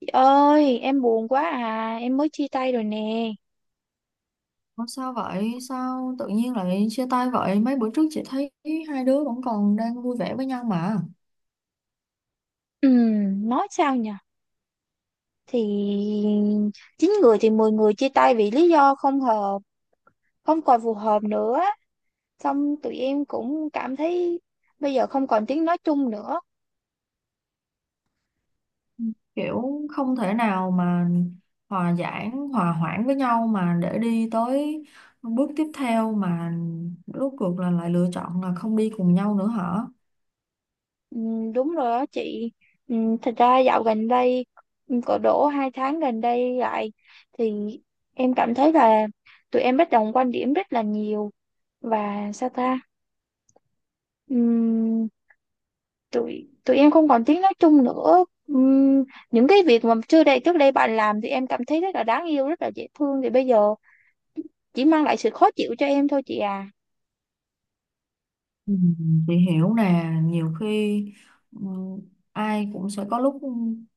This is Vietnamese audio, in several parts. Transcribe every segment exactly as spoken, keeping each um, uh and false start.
Chị ơi, em buồn quá à, em mới chia tay rồi nè. Ủa sao vậy? Sao tự nhiên lại chia tay vậy? Mấy bữa trước chị thấy hai đứa vẫn còn đang vui vẻ với nhau mà. Ừm, nói sao nhở? Thì chín người thì mười người chia tay vì lý do không hợp, không còn phù hợp nữa. Xong tụi em cũng cảm thấy bây giờ không còn tiếng nói chung nữa. Kiểu không thể nào mà hòa giải, hòa hoãn với nhau mà để đi tới bước tiếp theo mà rốt cuộc là lại lựa chọn là không đi cùng nhau nữa hả? Ừm, đúng rồi đó chị. Ừm, thật ra dạo gần đây, cỡ đổ hai tháng gần đây lại thì em cảm thấy là tụi em bất đồng quan điểm rất là nhiều và sao ta? Ừ, tụi tụi em không còn tiếng nói chung nữa. Ừm, những cái việc mà trước đây trước đây bạn làm thì em cảm thấy rất là đáng yêu, rất là dễ thương, thì bây giờ chỉ mang lại sự khó chịu cho em thôi chị à. Ừ, chị hiểu nè, nhiều khi ừ, ai cũng sẽ có lúc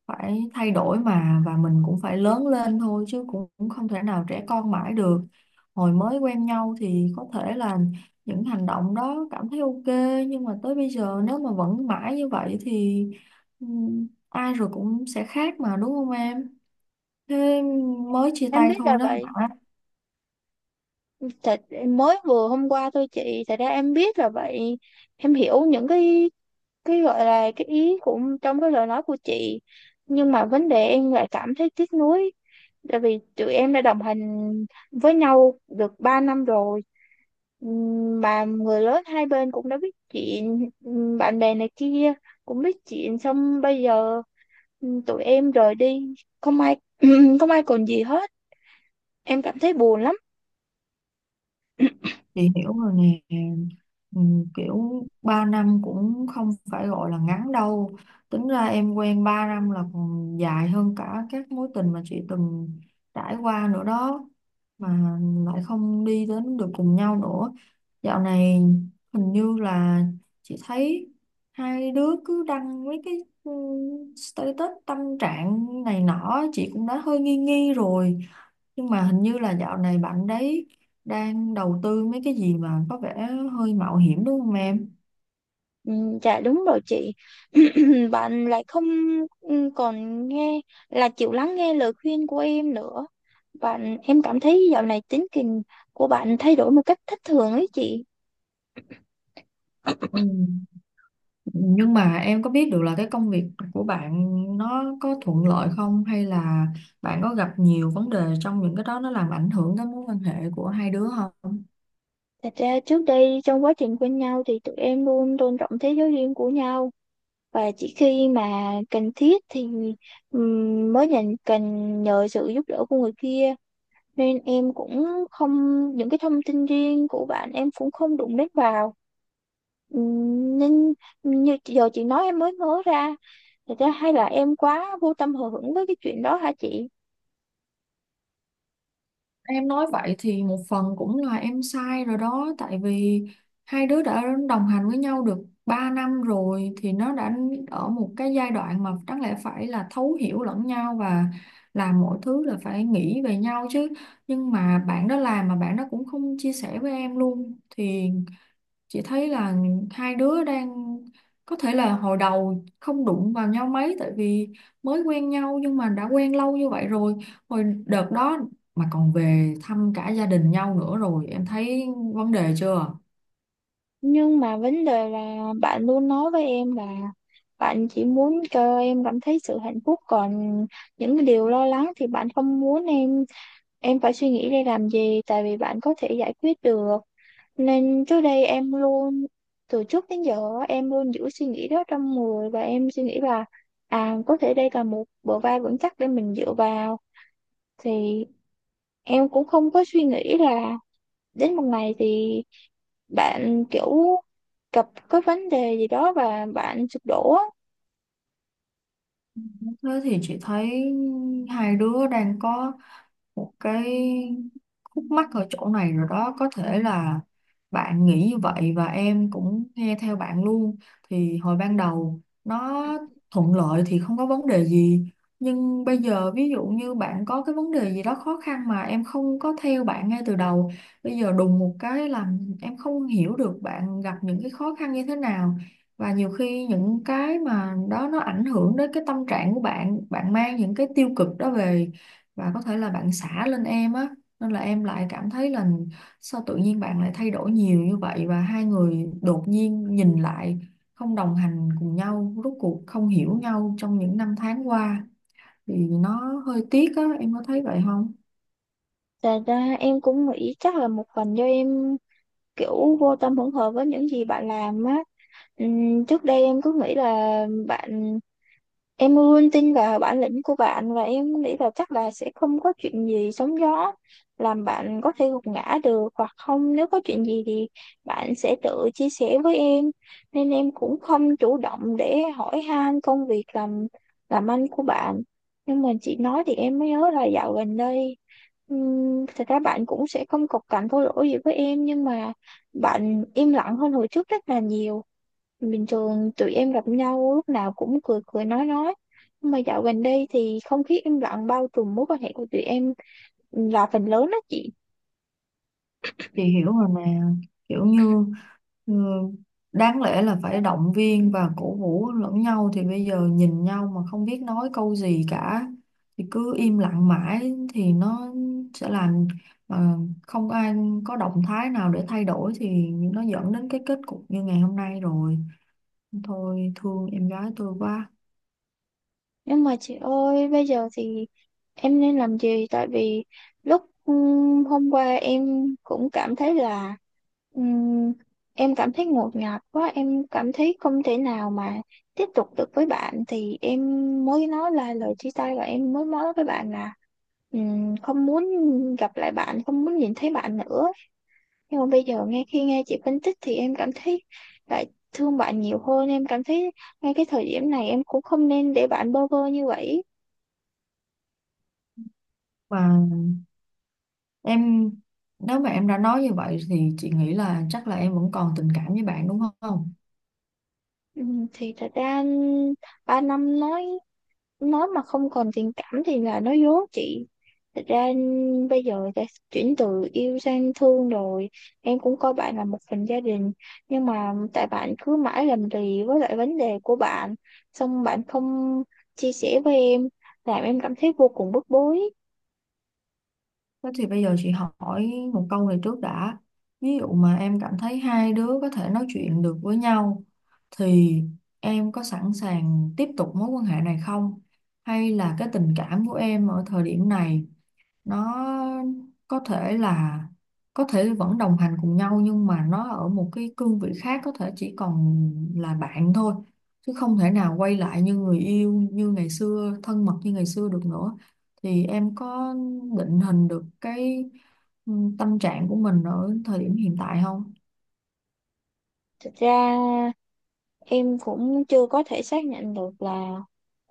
phải thay đổi mà, và mình cũng phải lớn lên thôi, chứ cũng cũng không thể nào trẻ con mãi được. Hồi mới quen nhau thì có thể là những hành động đó cảm thấy ok, nhưng mà tới bây giờ nếu mà vẫn mãi như vậy thì ừ, ai rồi cũng sẽ khác mà, đúng không em? Thế mới chia Em tay biết là thôi đó vậy, hả? thật em mới vừa hôm qua thôi chị. Thật ra em biết là vậy, em hiểu những cái cái gọi là cái ý của trong cái lời nói của chị, nhưng mà vấn đề em lại cảm thấy tiếc nuối, tại vì tụi em đã đồng hành với nhau được ba năm rồi. Ừm, mà người lớn hai bên cũng đã biết chuyện, ừm, bạn bè này kia cũng biết chuyện, xong bây giờ ừm, tụi em rời đi, không ai không ai còn gì hết, em cảm thấy buồn lắm. Chị hiểu rồi nè, ừ, kiểu ba năm cũng không phải gọi là ngắn đâu, tính ra em quen ba năm là còn dài hơn cả các mối tình mà chị từng trải qua nữa đó, mà lại không đi đến được cùng nhau nữa. Dạo này hình như là chị thấy hai đứa cứ đăng mấy cái ừ, status tâm trạng này nọ, chị cũng đã hơi nghi nghi rồi, nhưng mà hình như là dạo này bạn đấy đang đầu tư mấy cái gì mà có vẻ hơi mạo hiểm, đúng không em? Ừ, dạ đúng rồi chị. Bạn lại không ừ, còn nghe, là chịu lắng nghe lời khuyên của em nữa. Bạn em cảm thấy dạo này tính tình của bạn thay đổi một cách thất thường ấy chị. Ừ. Nhưng mà em có biết được là cái công việc của bạn nó có thuận lợi không, hay là bạn có gặp nhiều vấn đề trong những cái đó nó làm ảnh hưởng tới mối quan hệ của hai đứa không? Thật ra trước đây trong quá trình quen nhau thì tụi em luôn tôn trọng thế giới riêng của nhau, và chỉ khi mà cần thiết thì ừm, mới nhận cần nhờ sự giúp đỡ của người kia. Nên em cũng không, những cái thông tin riêng của bạn em cũng không đụng đến vào. Ừ, nên như giờ chị nói em mới nhớ ra, thật ra hay là em quá vô tâm hờ hững với cái chuyện đó hả chị? Em nói vậy thì một phần cũng là em sai rồi đó, tại vì hai đứa đã đồng hành với nhau được ba năm rồi thì nó đã ở một cái giai đoạn mà đáng lẽ phải là thấu hiểu lẫn nhau và làm mọi thứ là phải nghĩ về nhau chứ, nhưng mà bạn đó làm mà bạn đó cũng không chia sẻ với em luôn, thì chị thấy là hai đứa đang, có thể là hồi đầu không đụng vào nhau mấy tại vì mới quen nhau, nhưng mà đã quen lâu như vậy rồi, hồi đợt đó mà còn về thăm cả gia đình nhau nữa, rồi em thấy vấn đề chưa? Nhưng mà vấn đề là bạn luôn nói với em là bạn chỉ muốn cho em cảm thấy sự hạnh phúc, còn những cái điều lo lắng thì bạn không muốn em em phải suy nghĩ để làm gì, tại vì bạn có thể giải quyết được. Nên trước đây em luôn, từ trước đến giờ á, em luôn giữ suy nghĩ đó trong người, và em suy nghĩ là à, có thể đây là một bờ vai vững chắc để mình dựa vào. Thì em cũng không có suy nghĩ là đến một ngày thì bạn kiểu gặp cái vấn đề gì đó và bạn sụp đổ á. Thế thì chị thấy hai đứa đang có một cái khúc mắc ở chỗ này rồi đó, có thể là bạn nghĩ như vậy và em cũng nghe theo bạn luôn, thì hồi ban đầu nó thuận lợi thì không có vấn đề gì, nhưng bây giờ ví dụ như bạn có cái vấn đề gì đó khó khăn mà em không có theo bạn ngay từ đầu, bây giờ đùng một cái làm em không hiểu được bạn gặp những cái khó khăn như thế nào, và nhiều khi những cái mà đó nó ảnh hưởng đến cái tâm trạng của bạn, bạn mang những cái tiêu cực đó về và có thể là bạn xả lên em á, nên là em lại cảm thấy là sao tự nhiên bạn lại thay đổi nhiều như vậy, và hai người đột nhiên nhìn lại không đồng hành cùng nhau, rốt cuộc không hiểu nhau trong những năm tháng qua, thì nó hơi tiếc á, em có thấy vậy không? Thành ra em cũng nghĩ chắc là một phần do em kiểu vô tâm hỗn hợp với những gì bạn làm á. Ừm, trước đây em cứ nghĩ là bạn, em luôn tin vào bản lĩnh của bạn và em nghĩ là chắc là sẽ không có chuyện gì sóng gió làm bạn có thể gục ngã được, hoặc không, nếu có chuyện gì thì bạn sẽ tự chia sẻ với em. Nên em cũng không chủ động để hỏi han công việc làm làm ăn của bạn. Nhưng mà chị nói thì em mới nhớ là dạo gần đây ừm, thật ra bạn cũng sẽ không cộc cằn thô lỗ gì với em, nhưng mà bạn im lặng hơn hồi trước rất là nhiều. Bình thường tụi em gặp nhau lúc nào cũng cười cười nói nói nhưng mà dạo gần đây thì không khí im lặng bao trùm mối quan hệ của tụi em là phần lớn đó chị. Chị hiểu rồi nè, kiểu như ừ, đáng lẽ là phải động viên và cổ vũ lẫn nhau, thì bây giờ nhìn nhau mà không biết nói câu gì cả, thì cứ im lặng mãi thì nó sẽ làm mà không ai có động thái nào để thay đổi, thì nó dẫn đến cái kết cục như ngày hôm nay rồi, thôi thương em gái tôi quá. Nhưng mà chị ơi, bây giờ thì em nên làm gì? Tại vì lúc ừm, hôm qua em cũng cảm thấy là ừm, em cảm thấy ngột ngạt quá, em cảm thấy không thể nào mà tiếp tục được với bạn, thì em mới nói là lời chia tay, và em mới nói với bạn là ừm, không muốn gặp lại bạn, không muốn nhìn thấy bạn nữa. Nhưng mà bây giờ nghe khi nghe chị phân tích thì em cảm thấy lại thương bạn nhiều hơn, em cảm thấy ngay cái thời điểm này em cũng không nên để bạn bơ vơ như vậy. Và em, nếu mà em đã nói như vậy thì chị nghĩ là chắc là em vẫn còn tình cảm với bạn đúng không? Ừ, thì thật ra ba năm, nói nói mà không còn tình cảm thì là nói dối chị. Thật ra bây giờ đã chuyển từ yêu sang thương rồi, em cũng coi bạn là một phần gia đình, nhưng mà tại bạn cứ mãi làm lì với lại vấn đề của bạn, xong bạn không chia sẻ với em, làm em cảm thấy vô cùng bức bối. Thế thì bây giờ chị hỏi một câu này trước đã. Ví dụ mà em cảm thấy hai đứa có thể nói chuyện được với nhau thì em có sẵn sàng tiếp tục mối quan hệ này không? Hay là cái tình cảm của em ở thời điểm này, nó có thể là có thể vẫn đồng hành cùng nhau nhưng mà nó ở một cái cương vị khác, có thể chỉ còn là bạn thôi chứ không thể nào quay lại như người yêu như ngày xưa, thân mật như ngày xưa được nữa, thì em có định hình được cái ừ, tâm trạng của mình ở thời điểm hiện tại không? Thật ra em cũng chưa có thể xác nhận được là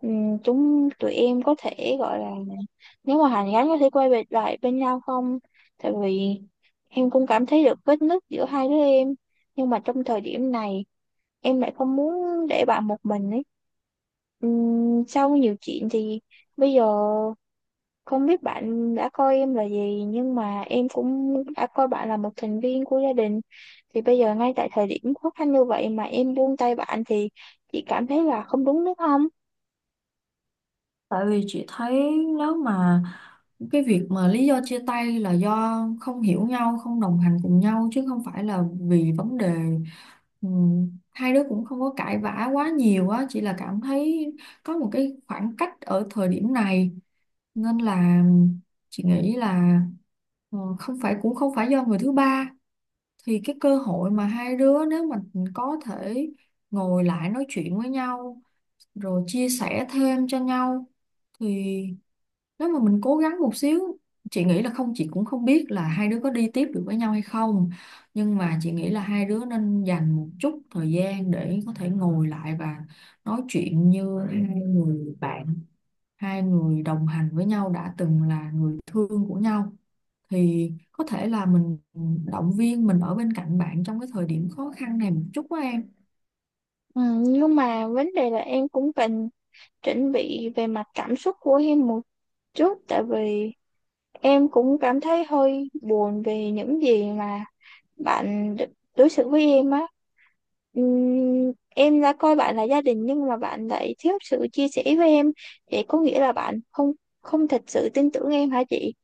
ừm, chúng tụi em có thể gọi là, nếu mà hàn gắn có thể quay về lại bên nhau không. Tại vì em cũng cảm thấy được vết nứt giữa hai đứa em, nhưng mà trong thời điểm này em lại không muốn để bạn một mình ấy. Ừm, sau nhiều chuyện thì bây giờ không biết bạn đã coi em là gì, nhưng mà em cũng đã coi bạn là một thành viên của gia đình. Thì bây giờ ngay tại thời điểm khó khăn như vậy mà em buông tay bạn thì chị cảm thấy là không đúng, đúng không? Tại vì chị thấy nếu mà cái việc mà lý do chia tay là do không hiểu nhau, không đồng hành cùng nhau chứ không phải là vì vấn đề, ừ, hai đứa cũng không có cãi vã quá nhiều á, chỉ là cảm thấy có một cái khoảng cách ở thời điểm này, nên là chị nghĩ là, ừ, không phải, cũng không phải do người thứ ba, thì cái cơ hội mà hai đứa nếu mà có thể ngồi lại nói chuyện với nhau rồi chia sẻ thêm cho nhau, thì nếu mà mình cố gắng một xíu, chị nghĩ là không, chị cũng không biết là hai đứa có đi tiếp được với nhau hay không, nhưng mà chị nghĩ là hai đứa nên dành một chút thời gian để có thể ngồi lại và nói chuyện như hai người bạn, hai người đồng hành với nhau đã từng là người thương của nhau, thì có thể là mình động viên, mình ở bên cạnh bạn trong cái thời điểm khó khăn này một chút á em. Ừ, nhưng mà vấn đề là em cũng cần chuẩn bị về mặt cảm xúc của em một chút, tại vì em cũng cảm thấy hơi buồn về những gì mà bạn đ- đối xử với em á. Ừm, em đã coi bạn là gia đình, nhưng mà bạn lại thiếu sự chia sẻ với em, vậy có nghĩa là bạn không không thật sự tin tưởng em hả chị?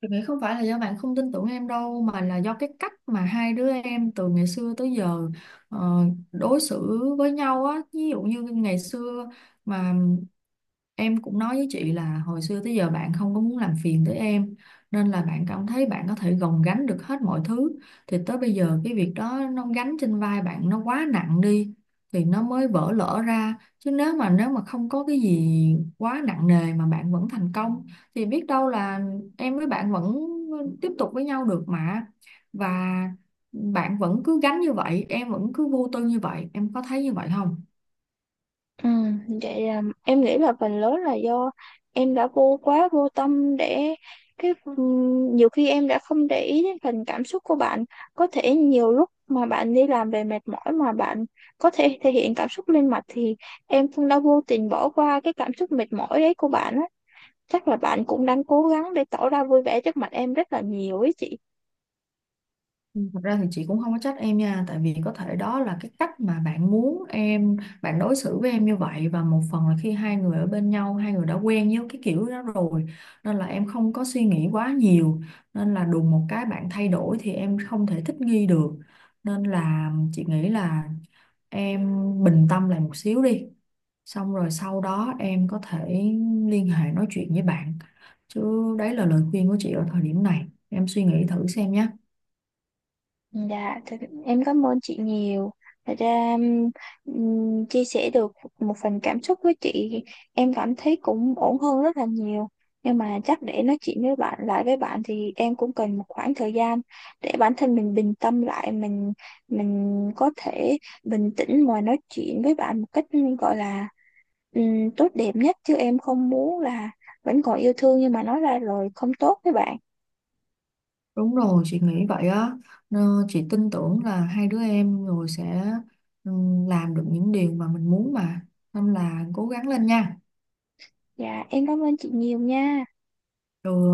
Tôi nghĩ không phải là do bạn không tin tưởng em đâu, mà là do cái cách mà hai đứa em từ ngày xưa tới giờ ờ, đối xử với nhau á, ví dụ như ngày xưa mà em cũng nói với chị là hồi xưa tới giờ bạn không có muốn làm phiền tới em, nên là bạn cảm thấy bạn có thể gồng gánh được hết mọi thứ, thì tới bây giờ cái việc đó nó gánh trên vai bạn nó quá nặng đi, thì nó mới vỡ lở ra, chứ nếu mà nếu mà không có cái gì quá nặng nề mà bạn vẫn thành công, thì biết đâu là em với bạn vẫn tiếp tục với nhau được mà, và bạn vẫn cứ gánh như vậy em vẫn cứ vô tư như vậy, em có thấy như vậy không? Ừ, vậy là em nghĩ là phần lớn là do em đã vô quá vô tâm để cái ừm, nhiều khi em đã không để ý đến phần cảm xúc của bạn. Có thể nhiều lúc mà bạn đi làm về mệt mỏi mà bạn có thể thể hiện cảm xúc lên mặt, thì em cũng đã vô tình bỏ qua cái cảm xúc mệt mỏi đấy của bạn á. Chắc là bạn cũng đang cố gắng để tỏ ra vui vẻ trước mặt em rất là nhiều ấy chị. Ừ, thật ra thì chị cũng không có trách em nha, tại vì có thể đó là cái cách mà bạn muốn em, bạn đối xử với em như vậy, và một phần là khi hai người ở bên nhau hai người đã quen với cái kiểu đó rồi, nên là em không có suy nghĩ quá nhiều, nên là đùng một cái bạn thay đổi thì em không thể thích nghi được, nên là chị nghĩ là em bình tâm lại một xíu đi, xong rồi sau đó em có thể liên hệ nói chuyện với bạn, chứ đấy là lời khuyên của chị ở thời điểm này, em suy nghĩ thử xem nhé. Dạ, thật- em cảm ơn chị nhiều. Thật ra ừm, chia sẻ được một phần cảm xúc với chị, em cảm thấy cũng ổn hơn rất là nhiều, nhưng mà chắc để nói chuyện với bạn lại với bạn thì em cũng cần một khoảng thời gian để bản thân mình bình tâm lại, mình mình có thể bình tĩnh mà nói chuyện với bạn một cách gọi là ừm, tốt đẹp nhất, chứ em không muốn là vẫn còn yêu thương nhưng mà nói ra rồi không tốt với bạn. Đúng rồi, chị nghĩ vậy á. Nó- Chị tin tưởng là hai đứa em rồi sẽ ừ, làm được những điều mà mình muốn mà. Nên là cố gắng lên nha. Dạ em cảm ơn chị nhiều nha. Rồi